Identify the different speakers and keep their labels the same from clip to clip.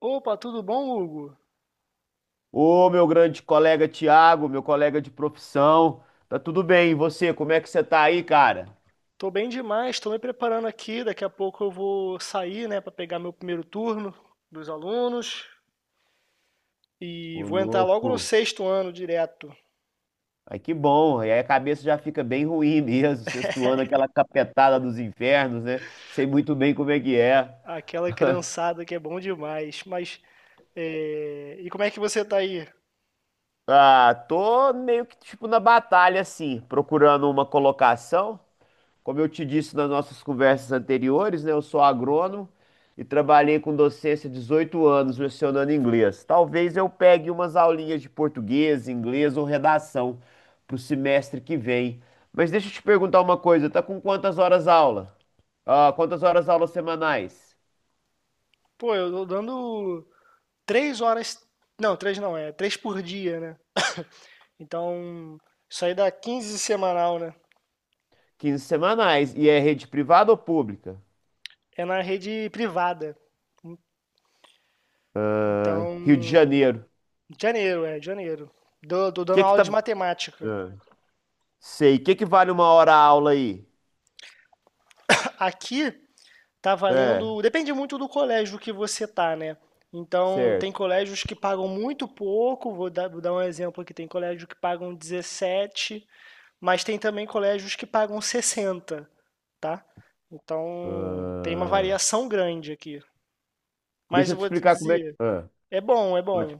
Speaker 1: Opa, tudo bom, Hugo?
Speaker 2: Ô, meu grande colega Tiago, meu colega de profissão. Tá tudo bem? E você, como é que você tá aí, cara?
Speaker 1: Tô bem demais, tô me preparando aqui. Daqui a pouco eu vou sair, né, para pegar meu primeiro turno dos alunos e
Speaker 2: Ô,
Speaker 1: vou entrar logo no
Speaker 2: louco.
Speaker 1: sexto ano direto.
Speaker 2: Ai, que bom. E aí a cabeça já fica bem ruim mesmo, sextuando aquela capetada dos infernos, né? Sei muito bem como é que é.
Speaker 1: Aquela criançada que é bom demais. Mas, e como é que você tá aí?
Speaker 2: Ah, tô meio que tipo na batalha, assim, procurando uma colocação. Como eu te disse nas nossas conversas anteriores, né, eu sou agrônomo e trabalhei com docência 18 anos lecionando inglês. Talvez eu pegue umas aulinhas de português, inglês ou redação para o semestre que vem. Mas deixa eu te perguntar uma coisa, tá com quantas horas aula? Ah, quantas horas aula semanais?
Speaker 1: Pô, eu tô dando três horas. Não, três não, é três por dia, né? Então, isso aí dá 15 semanal, né?
Speaker 2: 15 semanais. E é rede privada ou pública?
Speaker 1: É na rede privada.
Speaker 2: Ah, Rio de
Speaker 1: Então,
Speaker 2: Janeiro.
Speaker 1: Janeiro, janeiro. Tô
Speaker 2: O
Speaker 1: dando
Speaker 2: que que
Speaker 1: aula de
Speaker 2: tá.
Speaker 1: matemática.
Speaker 2: Ah, sei. O que que vale uma hora aula aí?
Speaker 1: Aqui tá
Speaker 2: É,
Speaker 1: valendo. Depende muito do colégio que você tá, né? Então, tem
Speaker 2: certo.
Speaker 1: colégios que pagam muito pouco. Vou dar um exemplo aqui: tem colégio que pagam 17, mas tem também colégios que pagam 60, tá? Então, tem uma
Speaker 2: Ah,
Speaker 1: variação grande aqui. Mas
Speaker 2: deixa
Speaker 1: eu
Speaker 2: eu te
Speaker 1: vou te
Speaker 2: explicar como é que.
Speaker 1: dizer:
Speaker 2: Ah,
Speaker 1: é bom.
Speaker 2: pode.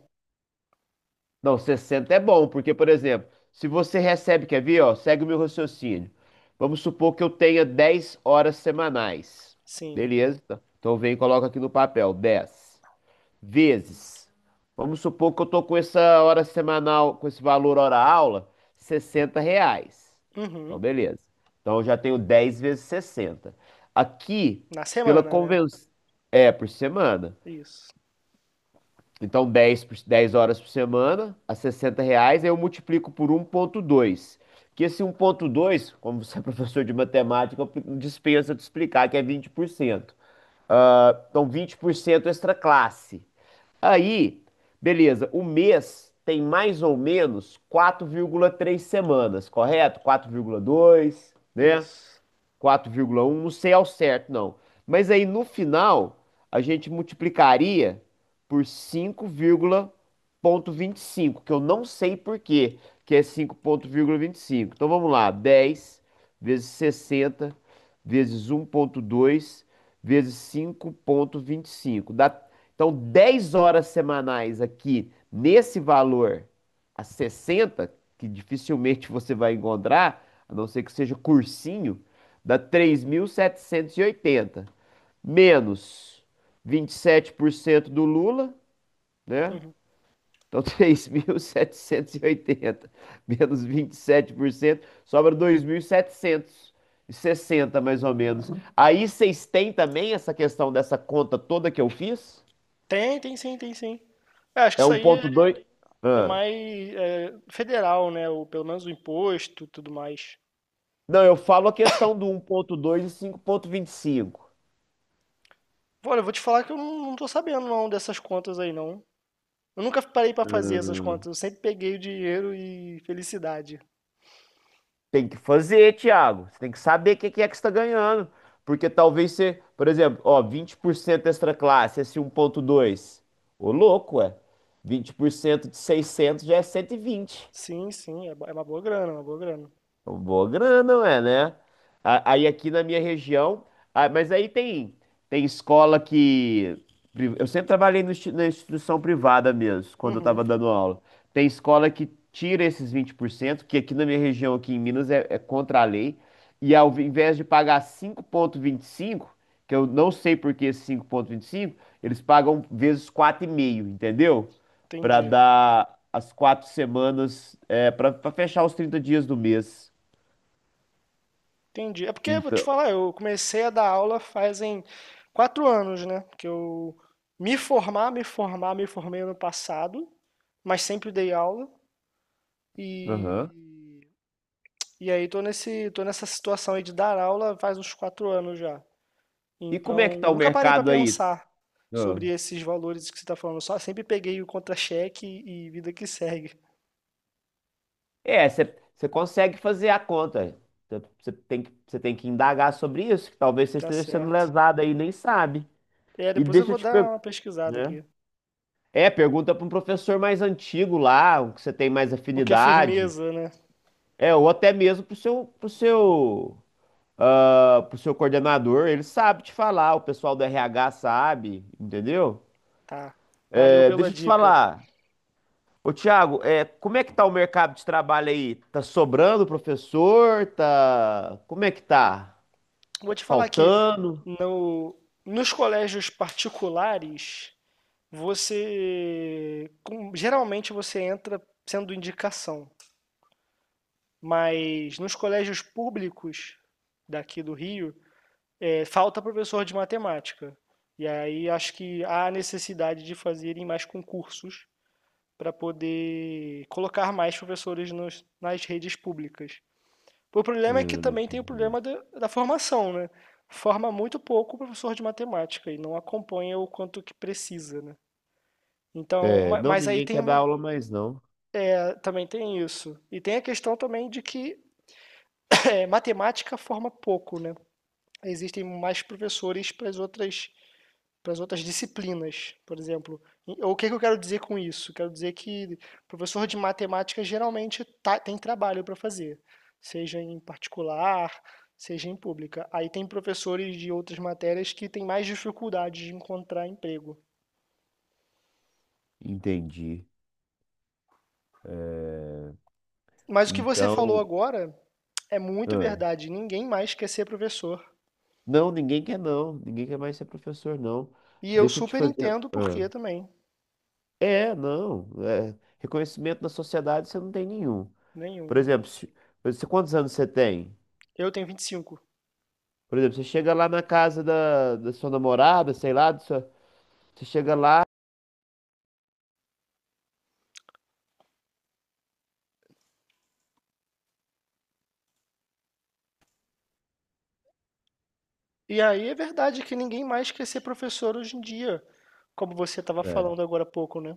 Speaker 2: Não, 60 é bom, porque, por exemplo, se você recebe, quer ver, ó, segue o meu raciocínio. Vamos supor que eu tenha 10 horas semanais.
Speaker 1: Sim.
Speaker 2: Beleza? Então vem e coloca aqui no papel, 10 vezes. Vamos supor que eu tô com essa hora semanal, com esse valor hora-aula, 60 reais. Então,
Speaker 1: Uhum.
Speaker 2: beleza. Então eu já tenho 10 vezes 60. Aqui,
Speaker 1: Na
Speaker 2: pela
Speaker 1: semana, né?
Speaker 2: convenção. É, por semana.
Speaker 1: Isso,
Speaker 2: Então, 10 horas por semana, a 60 reais, aí eu multiplico por 1,2. Que esse 1,2, como você é professor de matemática, eu dispensa de explicar, que é 20%. Ah, então, 20% extra classe. Aí, beleza, o mês tem mais ou menos 4,3 semanas, correto? 4,2, né?
Speaker 1: isso.
Speaker 2: 4,1, não sei ao certo, não. Mas aí no final, a gente multiplicaria por 5,25, que eu não sei por quê, que é 5,25. Então vamos lá, 10 vezes 60 vezes 1,2 vezes 5,25. Dá. Então, 10 horas semanais aqui nesse valor a 60, que dificilmente você vai encontrar, a não ser que seja cursinho, dá 3.780. Menos 27% do Lula, né? Então, 3.780 menos vinte e sete por cento, sobra 2.760 mais ou menos. Aí vocês têm também essa questão dessa conta toda que eu fiz?
Speaker 1: Tem sim. É, acho que
Speaker 2: É
Speaker 1: isso
Speaker 2: um
Speaker 1: aí
Speaker 2: 1,2?
Speaker 1: é
Speaker 2: Ah.
Speaker 1: mais federal, né? Ou pelo menos o imposto, tudo mais.
Speaker 2: Não, eu falo a questão do um ponto dois e 5,25.
Speaker 1: Olha, eu vou te falar que eu não, não tô sabendo não dessas contas aí, não. Eu nunca parei pra fazer essas
Speaker 2: Ah.
Speaker 1: contas. Eu sempre peguei o dinheiro e felicidade.
Speaker 2: Tem que fazer, Thiago. Você tem que saber o que que é que você está ganhando. Porque talvez você, por exemplo, ó, 20% extra classe, esse um ponto dois. Ô, louco, ué. 20% de 600 já é 120.
Speaker 1: Sim, sim, é uma é uma boa grana.
Speaker 2: Boa grana, ué, né? Aí aqui na minha região, ah, mas aí tem escola que eu sempre trabalhei no na instituição privada mesmo, quando eu tava
Speaker 1: Uhum,
Speaker 2: dando aula. Tem escola que tira esses 20%, que aqui na minha região, aqui em Minas, é contra a lei. E ao invés de pagar 5,25, que eu não sei por que esse 5,25, eles pagam vezes 4,5, entendeu? Para
Speaker 1: entendi.
Speaker 2: dar as 4 semanas, é, para fechar os 30 dias do mês.
Speaker 1: Entendi. É porque, vou te
Speaker 2: Então,
Speaker 1: falar, eu comecei a dar aula fazem quatro anos, né? Que eu me formei ano passado, mas sempre dei aula. E
Speaker 2: aham.
Speaker 1: E aí tô nessa situação aí de dar aula faz uns quatro anos já.
Speaker 2: E como é que
Speaker 1: Então,
Speaker 2: tá o
Speaker 1: nunca parei para
Speaker 2: mercado aí?
Speaker 1: pensar
Speaker 2: Ah,
Speaker 1: sobre esses valores que você está falando. Só sempre peguei o contra-cheque e vida que segue.
Speaker 2: é, você consegue fazer a conta. Você tem que indagar sobre isso, que talvez você
Speaker 1: Tá
Speaker 2: esteja sendo
Speaker 1: certo.
Speaker 2: lesado aí, e nem sabe.
Speaker 1: É,
Speaker 2: E
Speaker 1: depois eu
Speaker 2: deixa eu
Speaker 1: vou
Speaker 2: te
Speaker 1: dar
Speaker 2: perguntar,
Speaker 1: uma pesquisada
Speaker 2: né?
Speaker 1: aqui.
Speaker 2: É, pergunta para um professor mais antigo lá, o que você tem mais
Speaker 1: O que é
Speaker 2: afinidade.
Speaker 1: firmeza, né?
Speaker 2: É, ou até mesmo pro seu coordenador, ele sabe te falar, o pessoal do RH sabe, entendeu?
Speaker 1: Tá. Valeu
Speaker 2: É,
Speaker 1: pela
Speaker 2: deixa eu te
Speaker 1: dica.
Speaker 2: falar. Ô, Thiago, é, como é que tá o mercado de trabalho aí? Tá sobrando professor? Tá. Como é que tá?
Speaker 1: Vou
Speaker 2: Tá
Speaker 1: te falar aqui,
Speaker 2: faltando?
Speaker 1: no, nos colégios particulares, geralmente você entra sendo indicação. Mas nos colégios públicos daqui do Rio, falta professor de matemática. E aí acho que há a necessidade de fazerem mais concursos para poder colocar mais professores nas redes públicas. O problema é que
Speaker 2: Ah,
Speaker 1: também tem o
Speaker 2: entendi.
Speaker 1: problema da formação, né? Forma muito pouco o professor de matemática e não acompanha o quanto que precisa, né? Então,
Speaker 2: É, não,
Speaker 1: mas aí
Speaker 2: ninguém
Speaker 1: tem
Speaker 2: quer dar
Speaker 1: uma,
Speaker 2: aula mais, não.
Speaker 1: é, também tem isso. E tem a questão também de que matemática forma pouco, né? Existem mais professores para as outras disciplinas, por exemplo. E o que que eu quero dizer com isso? Quero dizer que professor de matemática geralmente tem trabalho para fazer, seja em particular, seja em pública. Aí tem professores de outras matérias que têm mais dificuldade de encontrar emprego.
Speaker 2: Entendi. É,
Speaker 1: Mas o que você falou
Speaker 2: então,
Speaker 1: agora é muito
Speaker 2: ah,
Speaker 1: verdade. Ninguém mais quer ser professor.
Speaker 2: não, ninguém quer não. Ninguém quer mais ser professor, não.
Speaker 1: E eu
Speaker 2: Deixa eu te
Speaker 1: super
Speaker 2: fazer.
Speaker 1: entendo por
Speaker 2: Ah.
Speaker 1: que também.
Speaker 2: É, não. É, reconhecimento na sociedade você não tem nenhum. Por
Speaker 1: Nenhum.
Speaker 2: exemplo, você, quantos anos você tem?
Speaker 1: Eu tenho vinte e cinco.
Speaker 2: Por exemplo, você chega lá na casa da sua namorada, sei lá, você chega lá.
Speaker 1: E aí é verdade que ninguém mais quer ser professor hoje em dia, como você estava
Speaker 2: É.
Speaker 1: falando agora há pouco, né?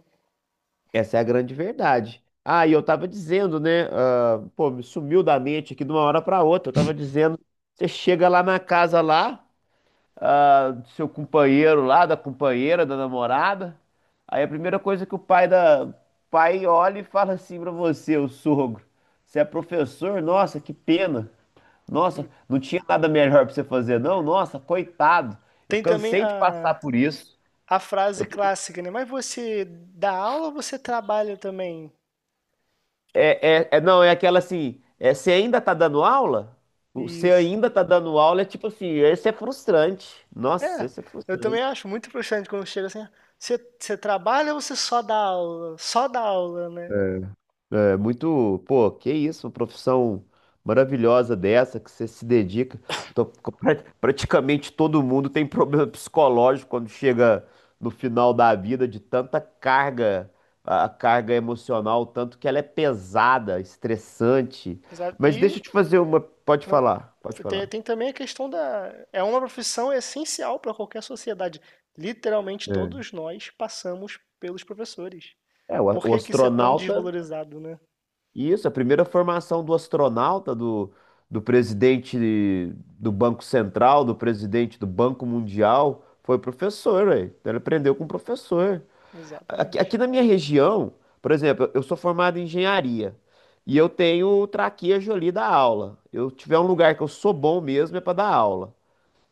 Speaker 2: Essa é a grande verdade. Ah, e eu tava dizendo, né? Ah, pô, me sumiu da mente aqui de uma hora pra outra. Eu tava dizendo, você chega lá na casa lá, ah, do seu companheiro lá, da companheira, da namorada. Aí a primeira coisa que o pai olha e fala assim pra você, o sogro, você é professor? Nossa, que pena. Nossa, não tinha nada melhor pra você fazer, não? Nossa, coitado. Eu
Speaker 1: Tem também
Speaker 2: cansei de passar por isso.
Speaker 1: a frase
Speaker 2: Eu tô-
Speaker 1: clássica, né? Mas você dá aula ou você trabalha também?
Speaker 2: É, é, é- não, é aquela assim, é, você ainda tá dando aula? Você
Speaker 1: Isso.
Speaker 2: ainda tá dando aula é tipo assim, esse é frustrante. Nossa,
Speaker 1: É,
Speaker 2: esse é
Speaker 1: eu também
Speaker 2: frustrante.
Speaker 1: acho muito frustrante quando chega assim, "Ah, você trabalha ou você só dá aula? Só dá aula, né?"
Speaker 2: É muito, pô, que isso, uma profissão maravilhosa dessa que você se dedica. Então, pra- praticamente todo mundo tem problema psicológico quando chega no final da vida de tanta carga, a carga emocional, tanto que ela é pesada, estressante.
Speaker 1: Sabe?
Speaker 2: Mas deixa
Speaker 1: E
Speaker 2: eu te fazer uma, pode
Speaker 1: ah,
Speaker 2: falar, pode falar.
Speaker 1: tem também a questão da... É uma profissão essencial para qualquer sociedade. Literalmente
Speaker 2: É.
Speaker 1: todos nós passamos pelos professores.
Speaker 2: É,
Speaker 1: Por
Speaker 2: o
Speaker 1: que que isso é tão
Speaker 2: astronauta.
Speaker 1: desvalorizado, né?
Speaker 2: Isso, a primeira formação do astronauta, do presidente do Banco Central, do presidente do Banco Mundial, foi professor, ué. Então ele aprendeu com o professor. Aqui,
Speaker 1: Exatamente.
Speaker 2: aqui na minha região, por exemplo, eu sou formado em engenharia e eu tenho o traquejo ali da aula. Eu tiver um lugar que eu sou bom mesmo é para dar aula.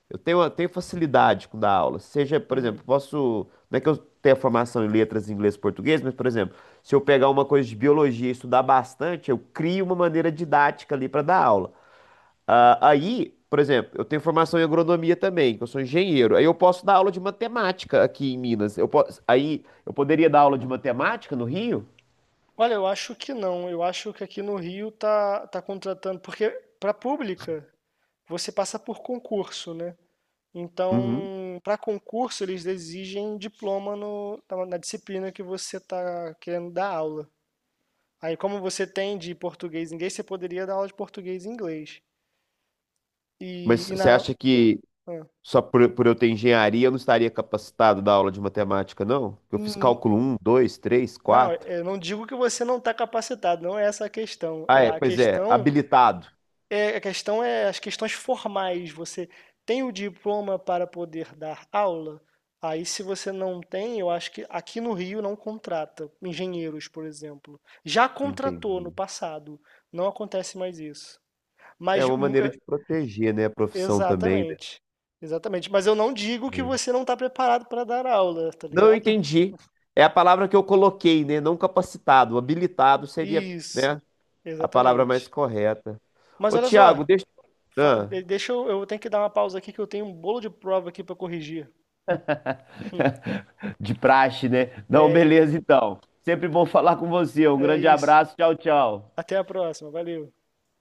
Speaker 2: Eu tenho facilidade com dar aula. Seja, por
Speaker 1: Uhum.
Speaker 2: exemplo, posso. Não é que eu tenha formação em letras, inglês e português, mas, por exemplo, se eu pegar uma coisa de biologia e estudar bastante, eu crio uma maneira didática ali para dar aula. Ah, aí, por exemplo, eu tenho formação em agronomia também, que eu sou engenheiro. Aí eu posso dar aula de matemática aqui em Minas. Eu posso, aí eu poderia dar aula de matemática no Rio?
Speaker 1: Olha, eu acho que não. Eu acho que aqui no Rio tá contratando porque para pública, você passa por concurso, né.
Speaker 2: Uhum.
Speaker 1: Então, para concurso, eles exigem diploma no na disciplina que você tá querendo dar aula. Aí, como você tem de português e inglês, você poderia dar aula de português e inglês.
Speaker 2: Mas
Speaker 1: E na
Speaker 2: você acha que
Speaker 1: hã.
Speaker 2: só por eu ter engenharia, eu não estaria capacitado da aula de matemática, não? Eu fiz
Speaker 1: Hum,
Speaker 2: cálculo um, 2, 3,
Speaker 1: não,
Speaker 2: 4.
Speaker 1: eu não digo que você não está capacitado, não é essa a questão.
Speaker 2: Ah, é, pois é, habilitado.
Speaker 1: É, a questão é as questões formais. Você tem o diploma para poder dar aula? Aí, se você não tem, eu acho que aqui no Rio não contrata engenheiros, por exemplo. Já contratou no
Speaker 2: Entendi.
Speaker 1: passado. Não acontece mais isso.
Speaker 2: É
Speaker 1: Mas,
Speaker 2: uma
Speaker 1: hum,
Speaker 2: maneira
Speaker 1: é,
Speaker 2: de proteger, né, a profissão também, né?
Speaker 1: exatamente. Exatamente. Mas eu não digo que
Speaker 2: Hum.
Speaker 1: você não está preparado para dar aula, tá
Speaker 2: Não, eu
Speaker 1: ligado?
Speaker 2: entendi. É a palavra que eu coloquei, né? Não capacitado. Habilitado seria, né,
Speaker 1: Isso,
Speaker 2: a palavra mais
Speaker 1: exatamente.
Speaker 2: correta.
Speaker 1: Mas
Speaker 2: Ô,
Speaker 1: olha só,
Speaker 2: Tiago, deixa. Ah,
Speaker 1: deixa eu tenho que dar uma pausa aqui que eu tenho um bolo de prova aqui para corrigir.
Speaker 2: de praxe, né? Não,
Speaker 1: É,
Speaker 2: beleza, então. Sempre bom falar com você. Um
Speaker 1: É
Speaker 2: grande
Speaker 1: isso.
Speaker 2: abraço. Tchau, tchau.
Speaker 1: Até a próxima. Valeu.